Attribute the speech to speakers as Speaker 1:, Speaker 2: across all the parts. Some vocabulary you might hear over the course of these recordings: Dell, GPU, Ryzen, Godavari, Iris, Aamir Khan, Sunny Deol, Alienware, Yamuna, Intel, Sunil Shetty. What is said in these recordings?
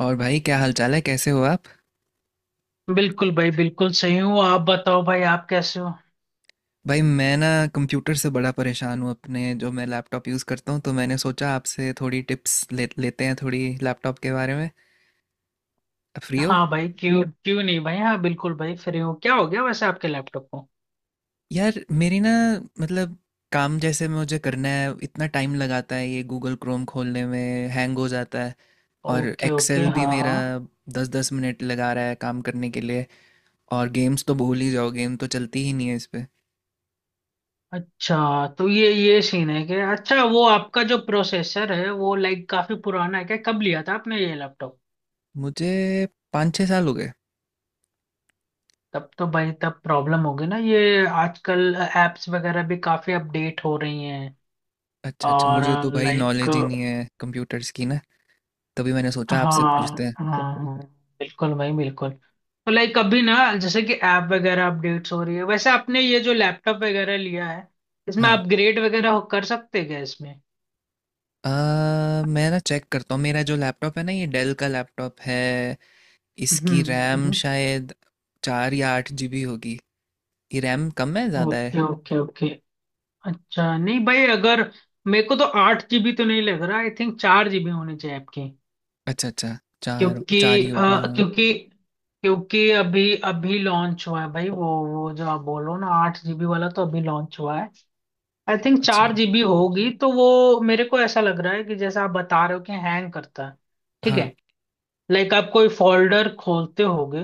Speaker 1: और भाई, क्या हालचाल है? कैसे हो आप?
Speaker 2: बिल्कुल भाई बिल्कुल सही हूँ। आप बताओ भाई, आप कैसे हो?
Speaker 1: भाई मैं ना कंप्यूटर से बड़ा परेशान हूँ। अपने जो मैं लैपटॉप यूज़ करता हूँ तो मैंने सोचा आपसे थोड़ी टिप्स ले लेते हैं, थोड़ी लैपटॉप के बारे में। आप फ्री हो?
Speaker 2: हाँ भाई, क्यों क्यों नहीं भाई, हाँ बिल्कुल भाई, फ्री हूँ। क्या हो गया वैसे आपके लैपटॉप को?
Speaker 1: यार मेरी ना, मतलब काम जैसे मुझे करना है, इतना टाइम लगाता है ये गूगल क्रोम खोलने में। हैंग हो जाता है। और
Speaker 2: ओके ओके,
Speaker 1: एक्सेल भी
Speaker 2: हाँ
Speaker 1: मेरा
Speaker 2: हाँ।
Speaker 1: दस दस मिनट लगा रहा है काम करने के लिए। और गेम्स तो भूल ही जाओ, गेम तो चलती ही नहीं है इस पे।
Speaker 2: अच्छा, तो ये सीन है क्या? अच्छा, वो आपका जो प्रोसेसर है वो लाइक काफी पुराना है क्या? कब लिया था आपने ये लैपटॉप?
Speaker 1: मुझे 5-6 साल हो गए।
Speaker 2: तब तो भाई तब प्रॉब्लम होगी ना, ये आजकल एप्स वगैरह भी काफी अपडेट हो रही हैं।
Speaker 1: अच्छा अच्छा,
Speaker 2: और
Speaker 1: मुझे तो भाई
Speaker 2: लाइक,
Speaker 1: नॉलेज ही नहीं है कंप्यूटर्स की ना। तभी मैंने सोचा आपसे पूछते
Speaker 2: हाँ
Speaker 1: हैं।
Speaker 2: हाँ हाँ, बिल्कुल भाई बिल्कुल। तो लाइक कभी ना, जैसे कि ऐप वगैरह अपडेट्स हो रही है, वैसे आपने ये जो लैपटॉप वगैरह लिया है, इसमें
Speaker 1: हाँ।
Speaker 2: अपग्रेड वगैरह हो कर सकते हैं क्या इसमें?
Speaker 1: मैं ना चेक करता हूँ, मेरा जो लैपटॉप है ना, ये डेल का लैपटॉप है। इसकी
Speaker 2: हम्म।
Speaker 1: रैम शायद 4 या 8 GB होगी। ये रैम कम है ज़्यादा है?
Speaker 2: Okay okay okay. अच्छा नहीं भाई, अगर मेरे को तो आठ जीबी तो नहीं लग रहा, आई थिंक 4 जीबी होनी चाहिए आपकी।
Speaker 1: अच्छा अच्छा, चार
Speaker 2: क्योंकि
Speaker 1: चार ही होगी
Speaker 2: अ,
Speaker 1: हाँ।
Speaker 2: क्योंकि क्योंकि अभी अभी लॉन्च हुआ है भाई, वो जो आप बोल रहे हो ना 8 जीबी वाला, तो अभी लॉन्च हुआ है। आई थिंक
Speaker 1: अच्छा।
Speaker 2: चार जीबी होगी तो वो। मेरे को ऐसा लग रहा है कि जैसा आप बता रहे हो कि हैंग करता है। ठीक
Speaker 1: हाँ
Speaker 2: है, लाइक आप कोई फोल्डर खोलते होगे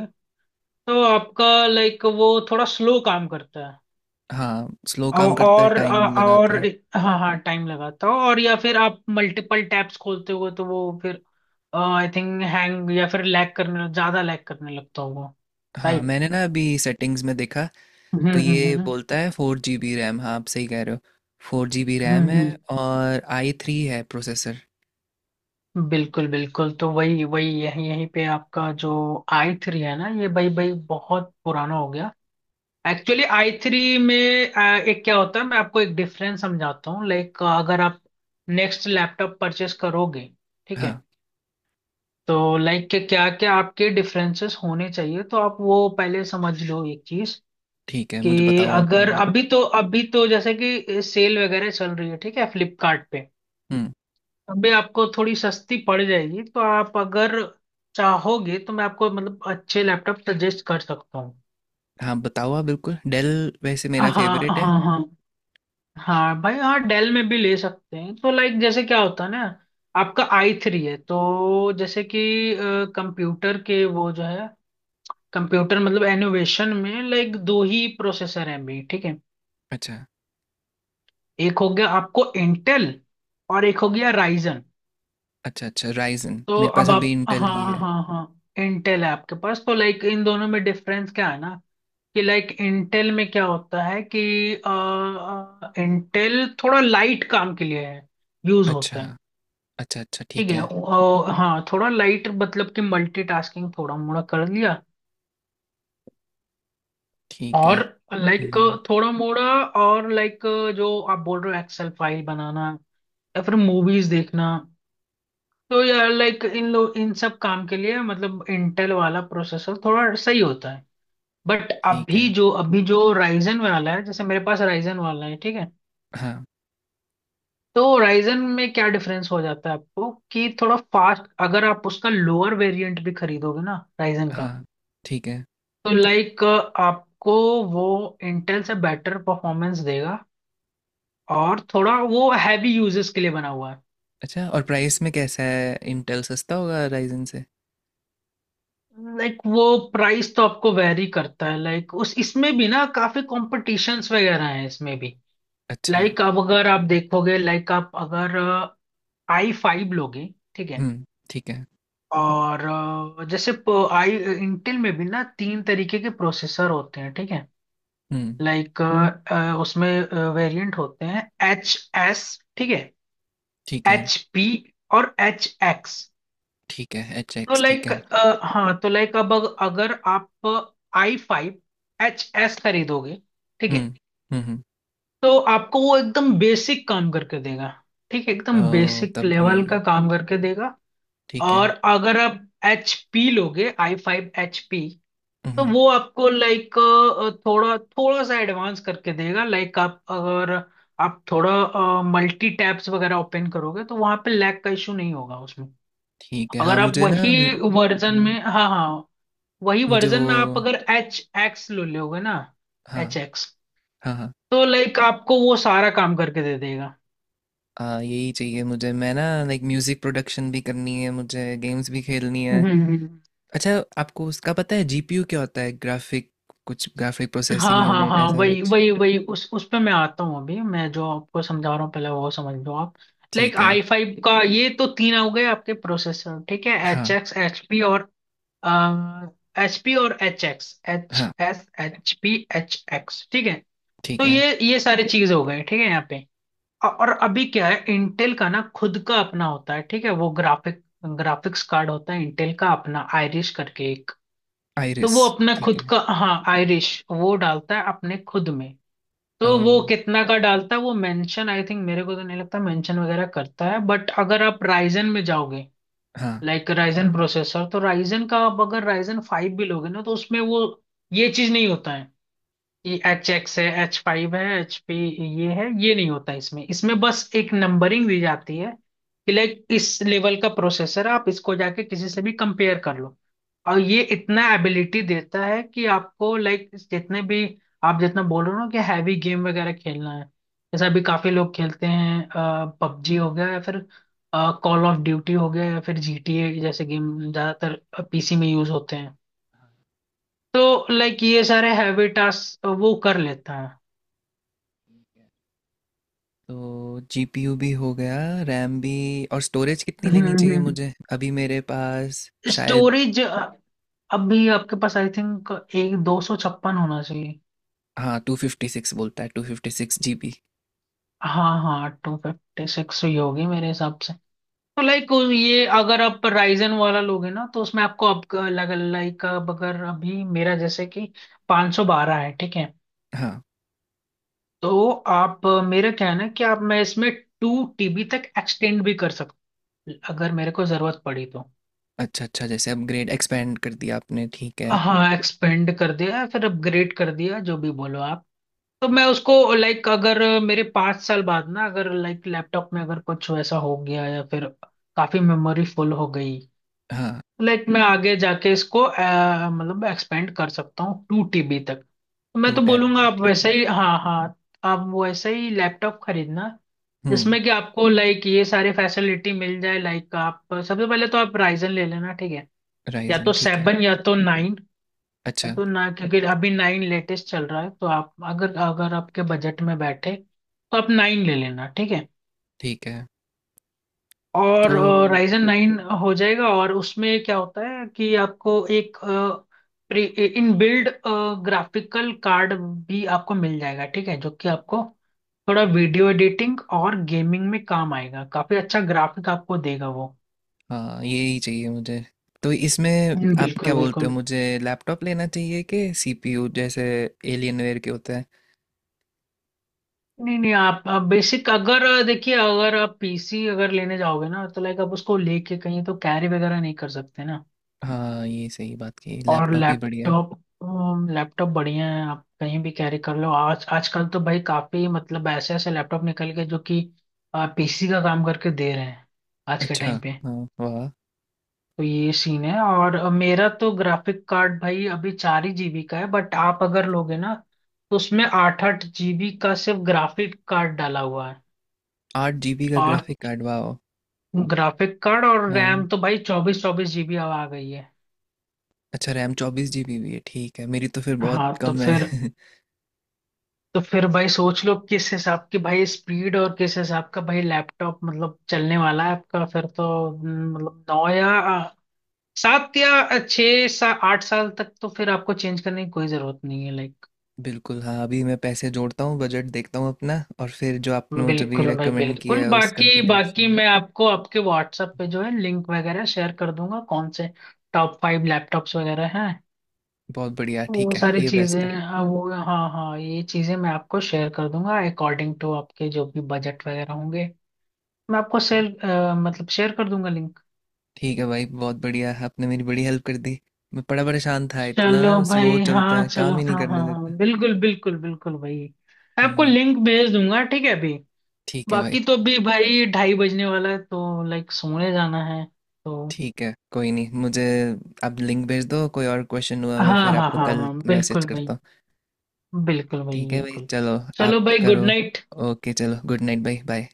Speaker 2: तो आपका लाइक वो थोड़ा स्लो काम करता है।
Speaker 1: हाँ, स्लो
Speaker 2: औ-
Speaker 1: काम करता है,
Speaker 2: और
Speaker 1: टाइम
Speaker 2: अ-
Speaker 1: लगाता
Speaker 2: और
Speaker 1: है।
Speaker 2: हाँ हाँ, टाइम लगाता हो, और या फिर आप मल्टीपल टैब्स खोलते हो तो वो फिर आई थिंक हैंग या फिर लैग करने लगता होगा।
Speaker 1: हाँ,
Speaker 2: राइट।
Speaker 1: मैंने ना अभी सेटिंग्स में देखा
Speaker 2: हम्म
Speaker 1: तो
Speaker 2: हम्म
Speaker 1: ये
Speaker 2: हम्म
Speaker 1: बोलता है 4 GB रैम। हाँ आप सही कह रहे हो, फोर जी बी
Speaker 2: हम्म
Speaker 1: रैम है।
Speaker 2: हम्म।
Speaker 1: और i3 है प्रोसेसर।
Speaker 2: बिल्कुल बिल्कुल, तो वही वही यही यहीं पे आपका जो i3 है ना, ये भाई भाई बहुत पुराना हो गया। एक्चुअली i3 में एक क्या होता है, मैं आपको एक डिफरेंस समझाता हूँ। लाइक अगर आप नेक्स्ट लैपटॉप परचेस करोगे, ठीक
Speaker 1: हाँ।
Speaker 2: है, तो लाइक के क्या क्या आपके डिफरेंसेस होने चाहिए, तो आप वो पहले समझ लो एक चीज।
Speaker 1: ठीक है,
Speaker 2: कि
Speaker 1: मुझे बताओ आप।
Speaker 2: अगर
Speaker 1: हाँ।
Speaker 2: अभी तो अभी तो जैसे कि सेल वगैरह चल रही है, ठीक है, फ्लिपकार्ट पे
Speaker 1: हुँ।
Speaker 2: अभी आपको थोड़ी सस्ती पड़ जाएगी। तो आप अगर चाहोगे तो मैं आपको मतलब अच्छे लैपटॉप सजेस्ट कर सकता हूँ।
Speaker 1: हाँ बताओ आप, बिल्कुल। डेल वैसे
Speaker 2: हाँ
Speaker 1: मेरा फेवरेट है।
Speaker 2: हाँ हाँ, हाँ भाई हाँ, डेल में भी ले सकते हैं। तो लाइक जैसे क्या होता है ना, आपका i3 है, तो जैसे कि कंप्यूटर के वो जो है, कंप्यूटर मतलब एनोवेशन में लाइक दो ही प्रोसेसर हैं अभी, ठीक है।
Speaker 1: अच्छा।
Speaker 2: एक हो गया आपको इंटेल, और एक हो गया राइजन।
Speaker 1: अच्छा अच्छा, राइजन।
Speaker 2: तो
Speaker 1: मेरे पास
Speaker 2: अब
Speaker 1: अभी
Speaker 2: आप,
Speaker 1: इंटेल ही
Speaker 2: हाँ
Speaker 1: है।
Speaker 2: हाँ हाँ, इंटेल है आपके पास, तो लाइक इन दोनों में डिफरेंस क्या है ना, कि लाइक इंटेल में क्या होता है कि इंटेल थोड़ा लाइट काम के लिए है, यूज
Speaker 1: अच्छा।
Speaker 2: होता है।
Speaker 1: अच्छा अच्छा,
Speaker 2: ठीक
Speaker 1: ठीक
Speaker 2: है,
Speaker 1: है।
Speaker 2: हाँ थोड़ा लाइट मतलब कि मल्टीटास्किंग थोड़ा मोड़ा कर लिया,
Speaker 1: ठीक है।
Speaker 2: और लाइक
Speaker 1: हम्म,
Speaker 2: थोड़ा मोड़ा, और लाइक जो आप बोल रहे हो एक्सेल फाइल बनाना या फिर मूवीज देखना, तो यार लाइक इन लोग इन सब काम के लिए मतलब इंटेल वाला प्रोसेसर थोड़ा सही होता है। बट
Speaker 1: ठीक
Speaker 2: अभी
Speaker 1: है।
Speaker 2: जो अभी जो राइजन वाला है, जैसे मेरे पास राइजन वाला है, ठीक है,
Speaker 1: हाँ।
Speaker 2: तो राइजन में क्या डिफरेंस हो जाता है आपको, कि थोड़ा फास्ट, अगर आप उसका लोअर वेरिएंट भी खरीदोगे ना राइजन का,
Speaker 1: हाँ, ठीक है।
Speaker 2: तो लाइक आपको वो इंटेल से बेटर परफॉर्मेंस देगा और थोड़ा वो हैवी यूजर्स के लिए बना हुआ है।
Speaker 1: अच्छा, और प्राइस में कैसा है? इंटेल सस्ता होगा राइजन से?
Speaker 2: लाइक वो प्राइस तो आपको वेरी करता है, लाइक उस इसमें भी ना काफी कॉम्पिटिशन्स वगैरह हैं इसमें भी।
Speaker 1: अच्छा।
Speaker 2: लाइक अब अगर आप देखोगे, लाइक आप अगर i5 लोगे, ठीक है,
Speaker 1: हम्म। ठीक है।
Speaker 2: और जैसे प- आई इंटेल में भी ना तीन तरीके के प्रोसेसर होते हैं, ठीक है।
Speaker 1: हम्म।
Speaker 2: लाइक हम्म, उसमें वेरिएंट होते हैं, एच एस, ठीक है,
Speaker 1: ठीक है।
Speaker 2: एच पी, और एच एक्स।
Speaker 1: ठीक है, एच
Speaker 2: तो
Speaker 1: एक्स, ठीक
Speaker 2: लाइक,
Speaker 1: है।
Speaker 2: हाँ तो लाइक अब अगर आप i5 एच एस खरीदोगे, ठीक है,
Speaker 1: हम्म। हम्म।
Speaker 2: तो आपको वो एकदम बेसिक काम करके देगा, ठीक है, एकदम
Speaker 1: ओ,
Speaker 2: बेसिक
Speaker 1: तब भी
Speaker 2: लेवल का काम करके देगा।
Speaker 1: ठीक
Speaker 2: और
Speaker 1: है।
Speaker 2: अगर आप एच पी लोगे, i5 एच पी, तो
Speaker 1: हम्म।
Speaker 2: वो आपको लाइक थोड़ा थोड़ा सा एडवांस करके देगा। लाइक आप अगर आप थोड़ा मल्टी टैब्स वगैरह ओपन करोगे तो वहां पे लैग का इशू नहीं होगा उसमें।
Speaker 1: ठीक है। हाँ
Speaker 2: अगर आप
Speaker 1: मुझे ना।
Speaker 2: वही वर्जन
Speaker 1: हाँ
Speaker 2: में, हाँ हाँ, वही
Speaker 1: मुझे
Speaker 2: वर्जन
Speaker 1: वो।
Speaker 2: में आप अगर एच एक्स ले लोगे ना,
Speaker 1: हाँ
Speaker 2: एच एक्स,
Speaker 1: हाँ। हाँ।
Speaker 2: तो लाइक आपको वो सारा काम करके दे देगा।
Speaker 1: यही चाहिए मुझे। मैं ना, लाइक म्यूज़िक प्रोडक्शन भी करनी है मुझे, गेम्स भी खेलनी है।
Speaker 2: हम्म,
Speaker 1: अच्छा। आपको उसका पता है जीपीयू क्या होता है? ग्राफिक, कुछ ग्राफिक
Speaker 2: हाँ
Speaker 1: प्रोसेसिंग
Speaker 2: हाँ
Speaker 1: यूनिट
Speaker 2: हाँ
Speaker 1: ऐसा
Speaker 2: वही
Speaker 1: कुछ।
Speaker 2: वही वही उस पे मैं आता हूँ, अभी मैं जो आपको समझा रहा हूँ पहले वो समझ लो आप। लाइक
Speaker 1: ठीक है।
Speaker 2: i5 का ये तो तीन हो गए आपके प्रोसेसर, ठीक है, एच
Speaker 1: हाँ
Speaker 2: एक्स, एच पी, और एच पी और एच एक्स, एच
Speaker 1: हाँ।
Speaker 2: S H P H X, ठीक है।
Speaker 1: ठीक
Speaker 2: तो
Speaker 1: है।
Speaker 2: ये सारी चीज हो गए, ठीक है। यहाँ पे और अभी क्या है, इंटेल का ना खुद का अपना होता है, ठीक है, वो ग्राफिक्स कार्ड होता है, इंटेल का अपना आयरिश करके एक। तो
Speaker 1: आइरिस।
Speaker 2: वो अपना
Speaker 1: ठीक
Speaker 2: खुद
Speaker 1: है।
Speaker 2: का, हाँ आयरिश वो डालता है अपने खुद में।
Speaker 1: ओ।
Speaker 2: तो वो कितना का डालता है वो मेंशन, आई थिंक मेरे को तो नहीं लगता मेंशन वगैरह करता है। बट अगर आप राइजन में जाओगे,
Speaker 1: हाँ।
Speaker 2: लाइक राइजन प्रोसेसर, तो राइजन का आप अगर Ryzen 5 भी लोगे ना, तो उसमें वो ये चीज नहीं होता है। एच एक्स है, H5 है, एच पी, ये है ये नहीं होता इसमें, इसमें बस एक नंबरिंग दी जाती है कि लाइक इस लेवल का प्रोसेसर है, आप इसको जाके किसी से भी कंपेयर कर लो। और ये इतना एबिलिटी देता है कि आपको लाइक जितने भी, आप जितना बोल रहे हो ना कि हैवी गेम वगैरह खेलना है, जैसे अभी काफी लोग खेलते हैं, पबजी हो गया, या फिर कॉल ऑफ ड्यूटी हो गया, या फिर जीटीए, जैसे गेम ज्यादातर पीसी में यूज होते हैं, तो लाइक ये सारे हैवी टास्क वो कर लेता है।
Speaker 1: तो जीपीयू भी हो गया, रैम भी। और स्टोरेज कितनी लेनी चाहिए
Speaker 2: हम्म,
Speaker 1: मुझे? अभी मेरे पास शायद।
Speaker 2: स्टोरेज अभी आपके पास आई थिंक एक 256 जीबी होना चाहिए।
Speaker 1: हाँ, 256 बोलता है, 256 GB।
Speaker 2: हाँ हाँ, 256 जीबी ही होगी मेरे हिसाब से। तो लाइक ये अगर आप राइजन वाला लोगे ना, तो उसमें आपको अब लाइक, अब अगर अभी मेरा जैसे कि 512 है, ठीक है, तो आप, मेरा क्या है ना कि आप मैं इसमें 2 टीबी तक एक्सटेंड भी कर सकता हूँ अगर मेरे को जरूरत पड़ी तो।
Speaker 1: अच्छा अच्छा, जैसे अब ग्रेड एक्सपेंड कर दिया आपने, ठीक है।
Speaker 2: हाँ एक्सपेंड कर दिया, या फिर अपग्रेड कर दिया, जो भी बोलो आप। तो मैं उसको लाइक अगर मेरे 5 साल बाद ना, अगर लाइक लैपटॉप में अगर कुछ वैसा हो गया, या फिर काफी मेमोरी फुल हो गई,
Speaker 1: हाँ,
Speaker 2: लाइक मैं आगे जाके इसको मतलब एक्सपेंड कर सकता हूँ 2 टीबी तक, तो मैं
Speaker 1: टू
Speaker 2: तो बोलूंगा
Speaker 1: टेराबाइट
Speaker 2: आप
Speaker 1: ठीक
Speaker 2: वैसा
Speaker 1: है।
Speaker 2: ही, हाँ हाँ, आप वैसा ही लैपटॉप खरीदना
Speaker 1: हम्म।
Speaker 2: जिसमें कि आपको लाइक ये सारी फैसिलिटी मिल जाए। लाइक आप सबसे पहले तो आप राइजन ले लेना, ठीक है, या
Speaker 1: राइजन,
Speaker 2: तो
Speaker 1: ठीक है।
Speaker 2: सेवन या तो नाइन। तब
Speaker 1: अच्छा।
Speaker 2: तो ना क्योंकि अभी नाइन लेटेस्ट चल रहा है, तो आप अगर अगर आपके बजट में बैठे तो आप नाइन ले लेना, ठीक है।
Speaker 1: ठीक है।
Speaker 2: और
Speaker 1: तो,
Speaker 2: राइजन नाइन हो जाएगा, और उसमें क्या होता है कि आपको एक pre in build graphical card भी आपको मिल जाएगा, ठीक है, जो कि आपको थोड़ा वीडियो एडिटिंग और गेमिंग में काम आएगा, काफी अच्छा ग्राफिक आपको देगा वो।
Speaker 1: हाँ, ये ही चाहिए मुझे। तो इसमें आप क्या
Speaker 2: बिल्कुल
Speaker 1: बोलते हो,
Speaker 2: बिल्कुल।
Speaker 1: मुझे लैपटॉप लेना चाहिए कि सीपीयू, जैसे एलियनवेयर के होते हैं?
Speaker 2: नहीं नहीं, आप बेसिक अगर, देखिए अगर आप पीसी अगर लेने जाओगे ना, तो लाइक आप उसको लेके कहीं तो कैरी वगैरह नहीं कर सकते ना।
Speaker 1: हाँ, ये सही बात की
Speaker 2: और हम्म,
Speaker 1: लैपटॉप ही बढ़िया है।
Speaker 2: लैपटॉप, लैपटॉप बढ़िया है, आप कहीं भी कैरी कर लो। आज आजकल तो भाई काफी मतलब ऐसे ऐसे लैपटॉप निकल गए जो कि पीसी का काम करके दे रहे हैं आज के
Speaker 1: अच्छा।
Speaker 2: टाइम पे।
Speaker 1: हाँ, वाह।
Speaker 2: तो ये सीन है। और मेरा तो ग्राफिक कार्ड भाई अभी 4 ही जीबी का है, बट आप अगर लोगे ना तो उसमें 8 8 जीबी का सिर्फ ग्राफिक कार्ड डाला हुआ है।
Speaker 1: 8 GB का
Speaker 2: और
Speaker 1: ग्राफिक कार्ड, वाह।
Speaker 2: ग्राफिक कार्ड, और
Speaker 1: हाँ।
Speaker 2: रैम तो भाई 24 24 जीबी अब आ गई है।
Speaker 1: अच्छा, रैम 24 GB भी है? ठीक है, मेरी तो फिर बहुत
Speaker 2: हाँ तो
Speaker 1: कम
Speaker 2: फिर,
Speaker 1: है।
Speaker 2: तो फिर भाई सोच लो किस हिसाब की भाई स्पीड, और किस हिसाब का भाई लैपटॉप मतलब चलने वाला है आपका फिर तो। मतलब 9 या 7 या छः सा 8 साल तक तो फिर आपको चेंज करने की कोई जरूरत नहीं है लाइक।
Speaker 1: बिल्कुल। हाँ, अभी मैं पैसे जोड़ता हूँ, बजट देखता हूँ अपना। और फिर जो आपने मुझे भी
Speaker 2: बिल्कुल भाई
Speaker 1: रेकमेंड
Speaker 2: बिल्कुल।
Speaker 1: किया है, उस
Speaker 2: बाकी बाकी
Speaker 1: कॉन्फ़िगरेशन।
Speaker 2: मैं आपको आपके व्हाट्सएप पे जो है लिंक वगैरह शेयर कर दूंगा, कौन से टॉप 5 लैपटॉप्स वगैरह हैं,
Speaker 1: बहुत बढ़िया,
Speaker 2: वो
Speaker 1: ठीक है,
Speaker 2: सारी
Speaker 1: ये
Speaker 2: चीजें,
Speaker 1: बेस्ट है।
Speaker 2: हाँ वो, हाँ हाँ ये चीजें मैं आपको शेयर कर दूंगा, अकॉर्डिंग टू आपके जो भी बजट वगैरह होंगे, मैं आपको
Speaker 1: ठीक।
Speaker 2: शेयर मतलब शेयर कर दूंगा लिंक।
Speaker 1: ठीक है भाई, बहुत बढ़िया, आपने मेरी बड़ी हेल्प कर दी। मैं बड़ा परेशान था, इतना
Speaker 2: चलो
Speaker 1: स्लो
Speaker 2: भाई,
Speaker 1: चलता
Speaker 2: हाँ
Speaker 1: है,
Speaker 2: चलो,
Speaker 1: काम ही नहीं
Speaker 2: हाँ
Speaker 1: करने
Speaker 2: हाँ हाँ
Speaker 1: देता।
Speaker 2: बिल्कुल बिल्कुल बिल्कुल भाई। मैं आपको
Speaker 1: हम्म,
Speaker 2: लिंक भेज दूंगा, ठीक है, अभी।
Speaker 1: ठीक है भाई।
Speaker 2: बाकी तो अभी भाई ढाई बजने वाला है, तो लाइक सोने जाना है, तो
Speaker 1: ठीक है, कोई नहीं, मुझे आप लिंक भेज दो, कोई और क्वेश्चन हुआ मैं
Speaker 2: हाँ
Speaker 1: फिर
Speaker 2: हाँ
Speaker 1: आपको
Speaker 2: हाँ
Speaker 1: कल
Speaker 2: हाँ
Speaker 1: मैसेज
Speaker 2: बिल्कुल
Speaker 1: करता
Speaker 2: भाई,
Speaker 1: हूँ।
Speaker 2: बिल्कुल भाई
Speaker 1: ठीक है भाई,
Speaker 2: बिल्कुल।
Speaker 1: चलो। आप
Speaker 2: चलो भाई, गुड
Speaker 1: करो।
Speaker 2: नाइट।
Speaker 1: ओके, चलो, गुड नाइट भाई, बाय।